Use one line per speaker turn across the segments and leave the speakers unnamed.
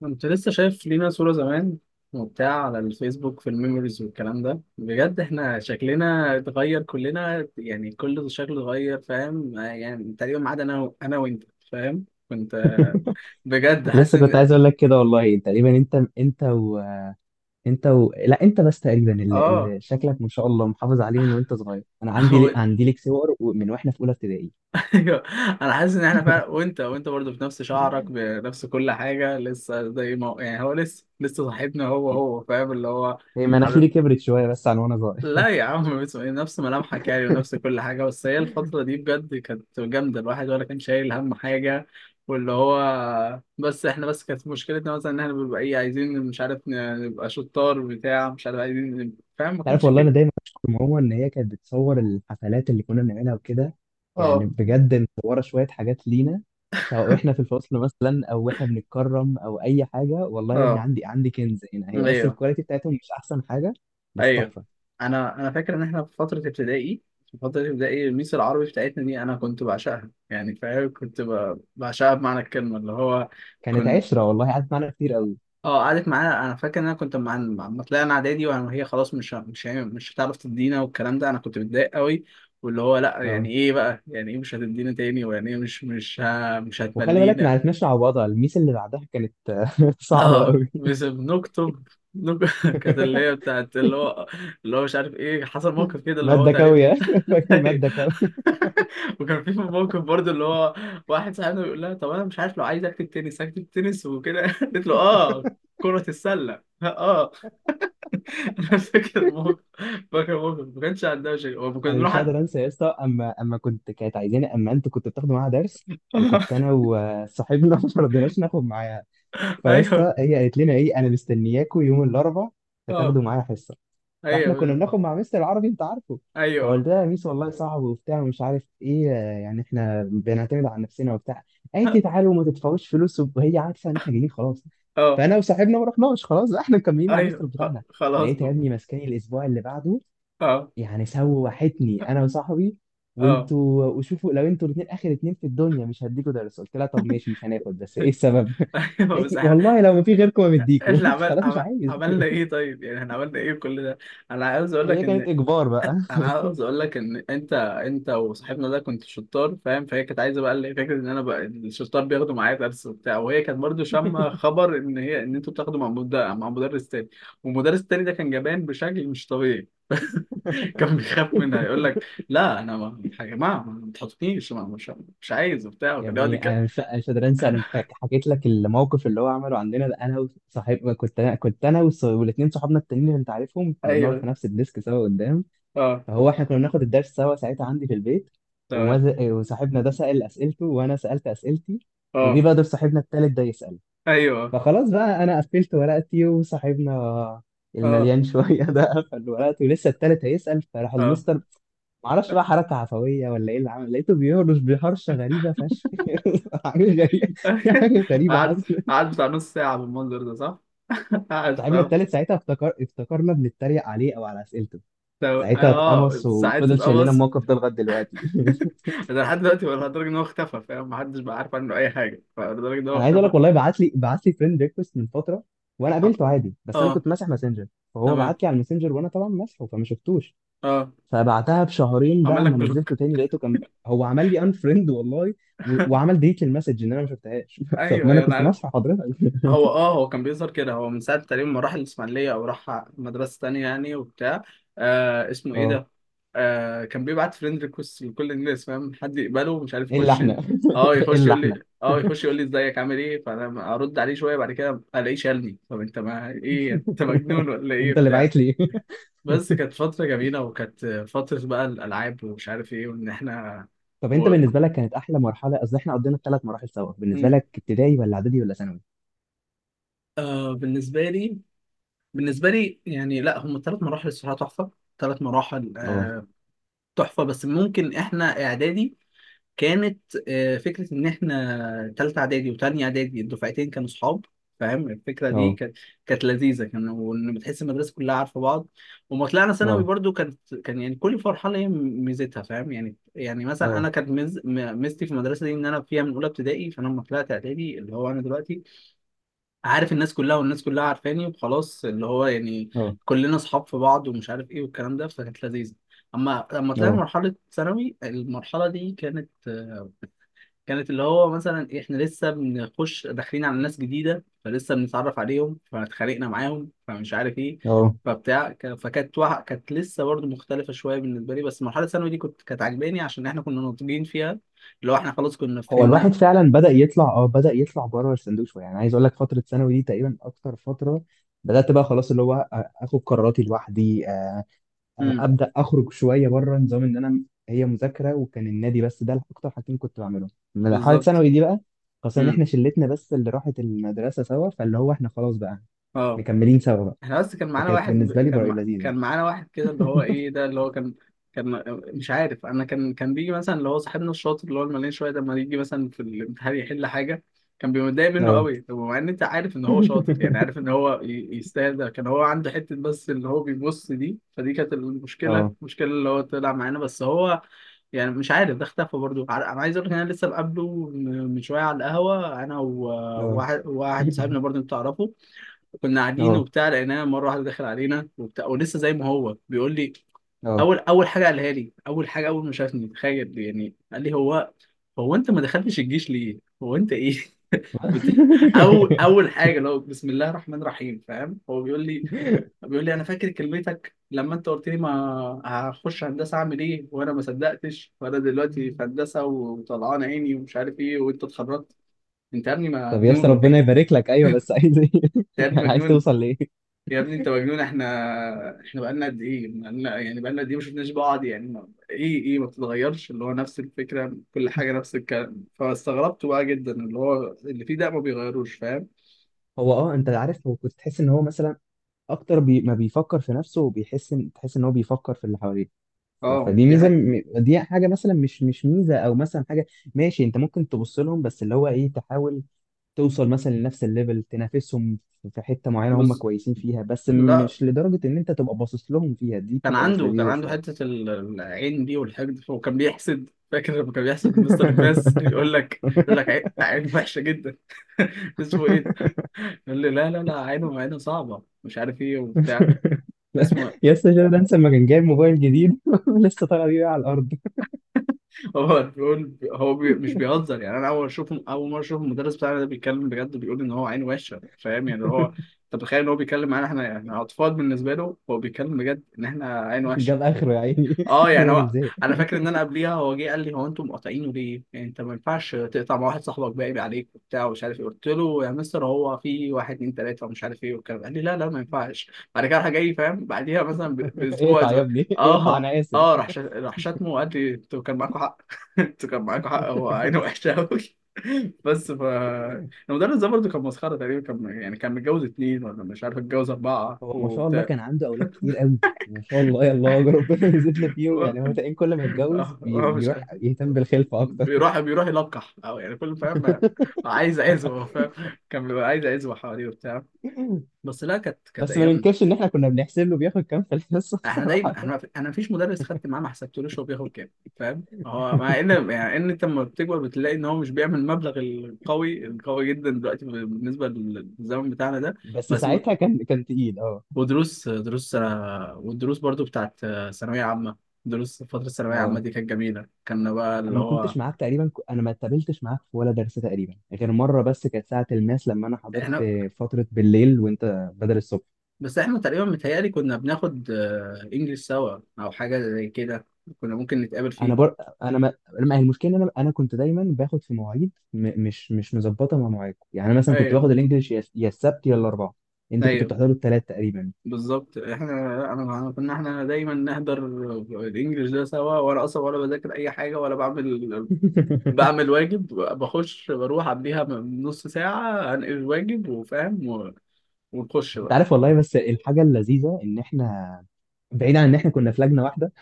كنت لسه شايف لينا صورة زمان وبتاع على الفيسبوك في الميموريز والكلام ده، بجد احنا شكلنا اتغير كلنا، يعني كل شكل اتغير، فاهم؟ يعني تقريبا ما عدا انا وانت، فاهم؟ كنت بجد حاسس
لسه كنت
ان
عايز اقول لك كده، والله تقريبا انت وانت. لا انت بس تقريبا اللي,
اه
اللي شكلك ما شاء الله محافظ عليه من وانت صغير. انا
هو-
عندي لك صور من واحنا في اولى ابتدائي.
ايوه، انا حاسس ان احنا فعلا وانت برضه بنفس شعرك، بنفس كل حاجة، لسه زي ما يعني هو لسه صاحبنا، هو فاهم اللي هو.
هي مناخيري كبرت شويه بس عن وانا صغير.
لا يا عم، نفس ملامحك يعني ونفس كل حاجة، بس هي الفترة دي بجد كانت جامدة، الواحد ولا كان شايل هم حاجة. واللي هو بس احنا كانت مشكلتنا مثلا ان احنا بنبقى ايه، عايزين مش عارف نبقى شطار، بتاع، مش عارف عايزين فاهم، ما
تعرف
كانش
والله انا
فيه.
دايما بشكر ماما ان هي كانت بتصور الحفلات اللي كنا بنعملها وكده. يعني
اه
بجد مصوره شويه حاجات لينا، سواء احنا في الفصل مثلا او احنا بنتكرم او اي حاجه. والله يا ابني
اه
عندي عندي كنز هنا، هي بس
ايوه
الكواليتي بتاعتهم مش احسن حاجه. بس
ايوه.
تحفه.
انا فاكر ان احنا في فترة ابتدائي، في فترة ابتدائي الميس العربي بتاعتنا دي انا كنت بعشقها يعني فاهم، كنت بعشقها بمعنى الكلمة اللي هو.
كانت عشرة والله، قعدت معانا كتير قوي.
اه، قعدت معانا. انا فاكر ان انا كنت ما طلعنا اعدادي وهي خلاص مش ه- مش هي- مش هتعرف تدينا، والكلام ده انا كنت متضايق قوي. واللي هو لا، يعني
اه،
ايه بقى؟ يعني ايه مش هتدينا تاني؟ ويعني ايه مش
وخلي بالك ما
هتملينا؟
عرفناش نعوضها. الميس اللي بعدها كانت صعبة
اه،
قوي.
بس بنكتب كانت اللي هي بتاعت اللي هو، اللي هو مش عارف ايه، حصل موقف كده اللي هو
مادة
تقريبا.
كاوية. فاكر
أيوه.
مادة كاوية.
وكان في موقف برضه اللي هو، واحد صاحبنا بيقول لها طب انا مش عارف لو عايز اكتب تنس اكتب تنس وكده، قلت له اه كرة السلة. اه، انا فاكر موقف، فاكر موقف ما كانش عندها شيء، هو كنا
أنا مش
بنروح
هقدر أنسى يا اسطى. أما كانت عايزاني أما أنتوا كنتوا بتاخدوا معاها درس، وكنت أنا وصاحبنا ما رضيناش ناخد معاها. فيا
ايوه.
اسطى هي قالت لنا إيه؟ أنا مستنياكوا يوم الأربعاء،
اه
هتاخدوا معايا حصة. فاحنا كنا
ايوه
بناخد مع مستر العربي، انت عارفه. فقلت
ايوه
لها يا ميس والله صعب وبتاع ومش عارف ايه، يعني احنا بنعتمد على نفسنا وبتاع. قالت
اه
لي تعالوا وما تدفعوش فلوس، وهي عارفه ان احنا جايين خلاص.
اه
فانا وصاحبنا ما رحناش خلاص، لا احنا مكملين مع مستر
ايوه.
بتاعنا.
خلاص
لقيت يا
بقى.
ابني ماسكاني الاسبوع اللي بعده،
اه
يعني سوحتني انا وصاحبي.
اه
وانتوا وشوفوا لو انتوا الاثنين اخر اتنين في الدنيا مش هديكوا درس. قلت لها طب ماشي مش هناخد، بس ايه السبب؟
ايوه
قالت
بس
لي
احنا،
والله لو ما في غيركم ما مديكوا.
احنا
خلاص مش عايز.
عملنا ايه طيب؟ يعني احنا عملنا ايه كل ده؟ انا عاوز اقول لك
هي
ان،
كانت اجبار بقى.
انا عاوز اقول لك ان انت وصاحبنا ده كنت شطار فاهم، فهي كانت عايزه بقى اللي هي فكره ان انا بقى الشطار بياخدوا معايا درس وبتاع، وهي كانت برضو شامه خبر ان هي ان انتوا بتاخدوا مع مدرس تاني. والمدرس التاني ده كان جبان بشكل مش طبيعي، كان بيخاف منها يقول لك لا انا ما، يا جماعه ما تحطنيش مش مش عايز وبتاع،
يا
وكان يقعد
ابني انا مش قادر انسى. انا حكيت لك الموقف اللي هو عمله عندنا ده. انا وصاحب كنت انا والاتنين صحابنا التانيين اللي انت عارفهم كنا بنقعد
ايوه.
في نفس الديسك سوا قدام.
اه
فهو احنا كنا بناخد الدرس سوا ساعتها عندي في البيت.
تمام
وصاحبنا ده سأل اسئلته وانا سألت اسئلتي. وجي
اه
بقى دور صاحبنا التالت ده يسأل.
ايوه
فخلاص بقى انا قفلت ورقتي، وصاحبنا
اه
المليان شويه ده قفل ورقته. لسه التالت هيسال، فراح
اه.
المستر، معرفش بقى حركه عفويه ولا ايه اللي عمل، لقيته بيهرش بهرشه غريبه فشخ. حاجه غريبه. في حاجه غريبه
قعد،
حصلت.
قعد بتاع نص ساعه بالمنظر ده، صح؟ قعد.
صاحبنا التالت ساعتها افتكرنا بنتريق عليه او على اسئلته.
طب
ساعتها
اه،
اتقمص
ساعات
وفضل شايلنا
تتقمص.
الموقف ده لغايه دلوقتي.
انا لحد دلوقتي بقول لدرجه ان هو اختفى فاهم، محدش بقى عارف عنه اي حاجه، فلدرجه ان هو
انا عايز اقول
اختفى.
لك والله، بعت لي فريند ريكوست من فتره. وانا
اه,
قابلته عادي، بس انا
آه.
كنت ماسح ماسنجر. فهو
تمام
بعت لي على الماسنجر، وانا طبعا ماسحه فما شفتوش.
اه.
فبعتها بشهرين بقى،
عمل لك
اما
بلوك؟
نزلته تاني لقيته كان هو عمل لي انفريند والله. وعمل ديت للمسج ان انا ما شفتهاش. طب
ايوه
ما
انا
انا
يعني
كنت
عارف.
مصفى حضرتك.
هو اه هو كان بيظهر كده، هو من ساعه تقريبا ما راح الاسماعيليه او راح مدرسه تانية يعني وبتاع. آه، اسمه ايه
اه.
ده؟ آه، كان بيبعت فريند ريكوست لكل الناس فاهم، حد يقبله ومش عارف
الا
يخش.
احنا.
اه يخش
الا
يقول
احنا.
لي، اه يخش يقول لي ازيك عامل ايه، فانا ارد عليه شويه، بعد كده الاقيه شالني. طب انت ما ايه يعني؟ انت مجنون ولا ايه
انت اللي
بتاع؟
بعت لي.
بس كانت فترة جميلة، وكانت فترة بقى الألعاب ومش عارف إيه وإن إحنا.
طب انت
و...
بالنسبه لك كانت احلى مرحله؟ قصدي احنا قضينا الثلاث مراحل سوا، بالنسبه
مم.
لك ابتدائي ولا اعدادي ولا ثانوي؟
آه بالنسبة لي، بالنسبة لي يعني لا، هم ثلاث مراحل الصراحة تحفة، ثلاث مراحل
اه،
آه، تحفة. بس ممكن إحنا إعدادي كانت، فكرة إن إحنا تالتة إعدادي وتانية إعدادي الدفعتين كانوا صحاب، فاهم الفكرة دي
اه،
كانت، كانت لذيذة، كان وإن بتحس المدرسة كلها عارفة بعض. وما طلعنا ثانوي
اه،
برضو كانت، كان يعني كل مرحلة هي ميزتها فاهم، يعني يعني مثلا أنا
اه،
كانت ميزتي في المدرسة دي إن أنا فيها من أولى ابتدائي، فأنا لما طلعت إعدادي اللي هو أنا دلوقتي عارف الناس كلها والناس كلها عارفاني، وخلاص اللي هو يعني
اه،
كلنا صحاب في بعض ومش عارف إيه والكلام ده، فكانت لذيذة. أما لما طلعنا مرحلة ثانوي، المرحلة دي كانت، كانت اللي هو مثلا احنا لسه بنخش داخلين على ناس جديده، فلسه بنتعرف عليهم فاتخانقنا معاهم فمش عارف ايه،
اه.
فكانت كانت لسه برضه مختلفه شويه بالنسبه لي، بس مرحله الثانوي دي كنت، كانت عاجباني عشان احنا كنا ناضجين فيها، اللي هو احنا خلاص كنا
هو
فهمنا.
الواحد فعلا بدأ يطلع، اه بدأ يطلع بره الصندوق شويه. يعني عايز اقول لك فتره ثانوي دي تقريبا اكتر فتره بدأت بقى خلاص اللي هو آ- اخد قراراتي لوحدي، آ-
امم
ابدأ اخرج شويه بره نظام ان انا هي مذاكره وكان النادي. بس ده اكتر حاجتين كنت بعملهم من مرحله
بالظبط
ثانوي دي بقى، خاصه ان
امم
احنا شلتنا بس اللي راحت المدرسه سوا، فاللي هو احنا خلاص بقى
اه.
مكملين سوا بقى.
احنا بس كان معانا
فكانت
واحد
بالنسبه لي
كان
بقى لذيذه.
كان معانا واحد كده اللي هو ايه ده، اللي هو كان، كان مش عارف انا، كان كان بيجي مثلا اللي هو صاحبنا الشاطر اللي هو المليان شويه ده لما يجي مثلا في الامتحان يحل حاجه، كان بيبقى متضايق منه
اه.
قوي. طب مع ان انت عارف ان هو شاطر، يعني عارف ان هو يستاهل ده، كان هو عنده حته بس اللي هو بيبص دي، فدي كانت المشكله،
اه،
المشكله اللي هو طلع معانا بس هو يعني مش عارف، ده اختفى برضه. انا عايز اقول لك ان انا لسه مقابله من من شويه على القهوه، انا
اه.
وواحد صاحبنا برضه انت تعرفه، كنا قاعدين
اه،
وبتاع لقيناه مره واحده داخل علينا وبتاع، ولسه زي ما هو بيقول لي.
اه.
اول حاجه قالها لي، اول حاجه اول ما شافني تخيل يعني، قال لي هو، هو انت ما دخلتش الجيش ليه؟ هو انت ايه؟ بت... اول حاجه لو بسم الله الرحمن الرحيم فاهم؟ هو بيقول لي، بيقول لي انا فاكر كلمتك لما انت قلت لي ما هخش هندسه اعمل ايه، وانا ما صدقتش، وانا دلوقتي في هندسه وطلعان عيني ومش عارف ايه، وانت اتخرجت. انت يا ابني
طب يا اسطى
مجنون ولا ايه؟
ربنا
انت
يبارك لك، ايوه بس عايز ايه؟
يا ابني
يعني عايز
مجنون.
توصل لايه؟
يا ابني انت مجنون، احنا بقالنا قد ايه، بقالنا يعني بقالنا قد ايه ما شفناش بعض، يعني ما... ايه ما بتتغيرش، اللي هو نفس الفكره، كل حاجه نفس الكلام، فاستغربت بقى جدا اللي هو اللي فيه ده ما بيغيروش فاهم.
هو اه، انت عارف هو كنت تحس ان هو مثلا اكتر ما بيفكر في نفسه وبيحس ان تحس ان هو بيفكر في اللي حواليه.
اه
فدي
دي
ميزه،
حقيقة.
دي حاجه مثلا مش ميزه او مثلا حاجه ماشي. انت ممكن تبص لهم، بس اللي هو ايه تحاول توصل مثلا لنفس الليفل تنافسهم في حته معينه هم
بس
كويسين فيها، بس
لا،
مش لدرجه ان انت تبقى باصص لهم فيها، دي
كان
بتبقى مش
عنده، كان
لذيذه
عنده
شويه.
حته العين دي، والحقد، هو كان بيحسد، فاكر لما كان بيحسد مستر الناس، يقول لك، يقول لك عين، عين وحشه جدا. اسمه ايه ده؟ يقول لي لا لا لا، عينه، عينه صعبه، مش عارف ايه وبتاع. اسمه.
يا اسطى ده انسى لما كان جايب موبايل جديد لسه طالع بيه على الارض.
هو بيقول، هو مش بيهزر يعني، انا اول اشوف، اول مره اشوف المدرس بتاعنا ده بيتكلم بجد، بيقول ان هو عين وشه فاهم يعني هو، انت متخيل ان هو بيتكلم معانا احنا، احنا اطفال بالنسبه له، هو بيتكلم بجد ان احنا عين وشه.
جاب اخره يا عيني.
اه يعني
الراجل
هو،
زهق.
انا فاكر ان انا قبليها هو جه قال لي، هو انتم مقاطعينه ليه؟ يعني انت ما ينفعش تقطع مع واحد صاحبك باقي عليك وبتاع ومش عارف ايه، قلت له يا مستر هو في واحد اتنين تلاته ومش عارف ايه والكلام ده. قال لي لا لا ما ينفعش. بعد كده راح جاي فاهم بعديها مثلا باسبوع
اقطع يا
اسبوع،
ابني. اقطع
اه
انا
اه،
اسف.
راح راح شتمه وقال لي انتوا كان معاكم حق، انتوا كان معاكم حق، هو عينه وحشه قوي. بس ف المدرس ده برضه كان مسخره تقريبا، كان يعني كان متجوز اتنين ولا مش عارف، اتجوز اربعه
هو ما شاء الله
وبتاع.
كان عنده اولاد كتير قوي. ما شاء الله يا الله. يا ربنا يزيد له فيهم. يعني هو تقريبا كل ما يتجوز
هو مش،
بيروح يهتم بالخلفه اكتر.
بيروح يلقح او يعني كل فاهم عايز عزوه فاهم، كان بيبقى عايز عزوه حواليه وبتاع. بس لا، كانت كانت
بس ما
ايام.
ننكرش ان احنا كنا بنحسب له بياخد كام في الحصه.
احنا دايما
بصراحه.
احنا، انا مفيش مدرس خدت معاه ما حسبتلوش هو بياخد كام فاهم، هو مع ان يعني ان انت لما بتكبر بتلاقي ان هو مش بيعمل المبلغ القوي القوي جدا دلوقتي بالنسبه للزمن بتاعنا ده.
بس
بس م-
ساعتها كان تقيل، اه.
ودروس والدروس برضو بتاعت ثانويه عامه، دروس فتره الثانويه العامه
اه
دي كانت جميله، كنا بقى
انا
اللي
ما
هو
كنتش معاك تقريبا، انا ما اتقابلتش معاك في ولا درس تقريبا غير مره بس، كانت ساعه الماس لما انا حضرت
احنا.
فتره بالليل وانت بدل الصبح.
بس احنا تقريبا متهيألي كنا بناخد انجليش سوا او حاجة زي كده، كنا ممكن نتقابل
انا
فيه.
بر... انا ما... ما هي المشكله إن انا كنت دايما باخد في مواعيد مش مظبطه مع مواعيدكم. يعني أنا مثلا كنت
ايوه
باخد الانجليش يا السبت يا الاربعاء، انتوا كنتوا
ايوه.
بتحضروا الثلاث تقريبا.
بالظبط احنا، كنا احنا دايما نحضر الانجليش ده سوا، وانا اصلا ولا بذاكر اي حاجة ولا بعمل، بعمل واجب، بخش بروح قبليها بنص ساعة انقل الواجب وفاهم و، ونخش
انت
بقى.
عارف والله، بس الحاجه اللذيذه ان احنا بعيد عن ان احنا كنا في لجنه واحده،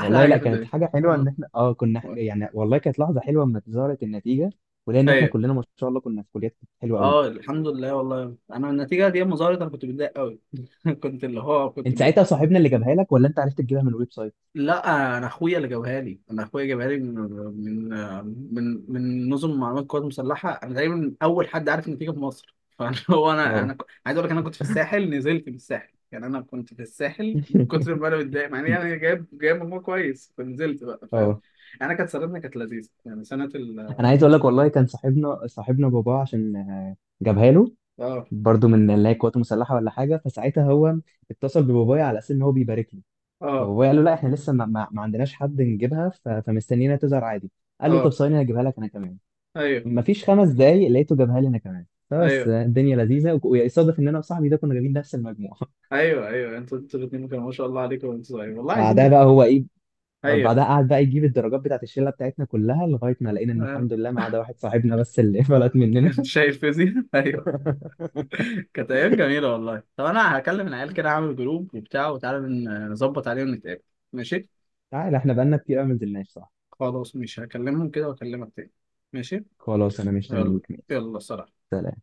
احلى حاجة
لا
في
كانت
الدنيا.
حاجة حلوة ان احنا اه كنا يعني والله كانت لحظة حلوة لما ظهرت النتيجة. ولان احنا
ايوه
كلنا ما شاء الله كنا في كليات حلوة قوي.
اه، الحمد لله والله انا النتيجة دي مظاهرة، انا كنت متضايق قوي. كنت اللي هو كنت،
انت ساعتها صاحبنا اللي جابها لك ولا انت عرفت تجيبها من الويب سايت؟
لا انا اخويا اللي جابها لي، انا اخويا جابها لي من من من نظم معلومات القوات المسلحه، انا تقريبا اول حد عارف النتيجه في مصر، فانا، هو
اه.
عايز اقول لك، انا كنت في الساحل، نزلت من الساحل، يعني انا كنت في الساحل من كتر ما انا متضايق، مع اني انا جايب، جايب مجموع كويس، فنزلت بقى فاهم.
اه.
انا كانت سنتنا كانت لذيذه، يعني سنه ال،
انا عايز اقول لك والله، كان صاحبنا باباه عشان جابها له
اه
برضه من اللي هي قوات مسلحة ولا حاجة. فساعتها هو اتصل ببابايا على اساس ان هو بيبارك له.
اه
فبابايا قال له لا احنا لسه ما عندناش حد نجيبها، فمستنينا تظهر عادي. قال له طب
اه
ثواني انا هجيبها لك انا كمان.
ايوه
مفيش 5 دقايق لقيته جابها لي انا كمان. فبس
ايوه
الدنيا لذيذه، ويصادف ان انا وصاحبي ده كنا جايبين نفس المجموعه.
ايوه ايوه، انتوا، انتوا الاثنين كانوا ما شاء الله عليكم وانتوا صغيرين، والله
بعدها
عايزين.
بقى هو ايه؟
ايوه
بعدها قعد بقى يجيب الدرجات بتاعت الشله بتاعتنا كلها لغايه ما لقينا ان
آه.
الحمد لله ما عدا واحد صاحبنا بس اللي فلت مننا.
كنت شايل فيزياء، ايوه. كانت ايام جميله والله. طب انا هكلم العيال كده، اعمل جروب وبتاع وتعالى نظبط عليهم نتقابل. ماشي.
تعال احنا بقالنا كتير قوي ما نزلناش، صح؟
خلاص مش هكلمهم كده واكلمك تاني. ماشي.
خلاص انا مش
يلا.
هنيك، ماشي.
يلا سلام.
سلام.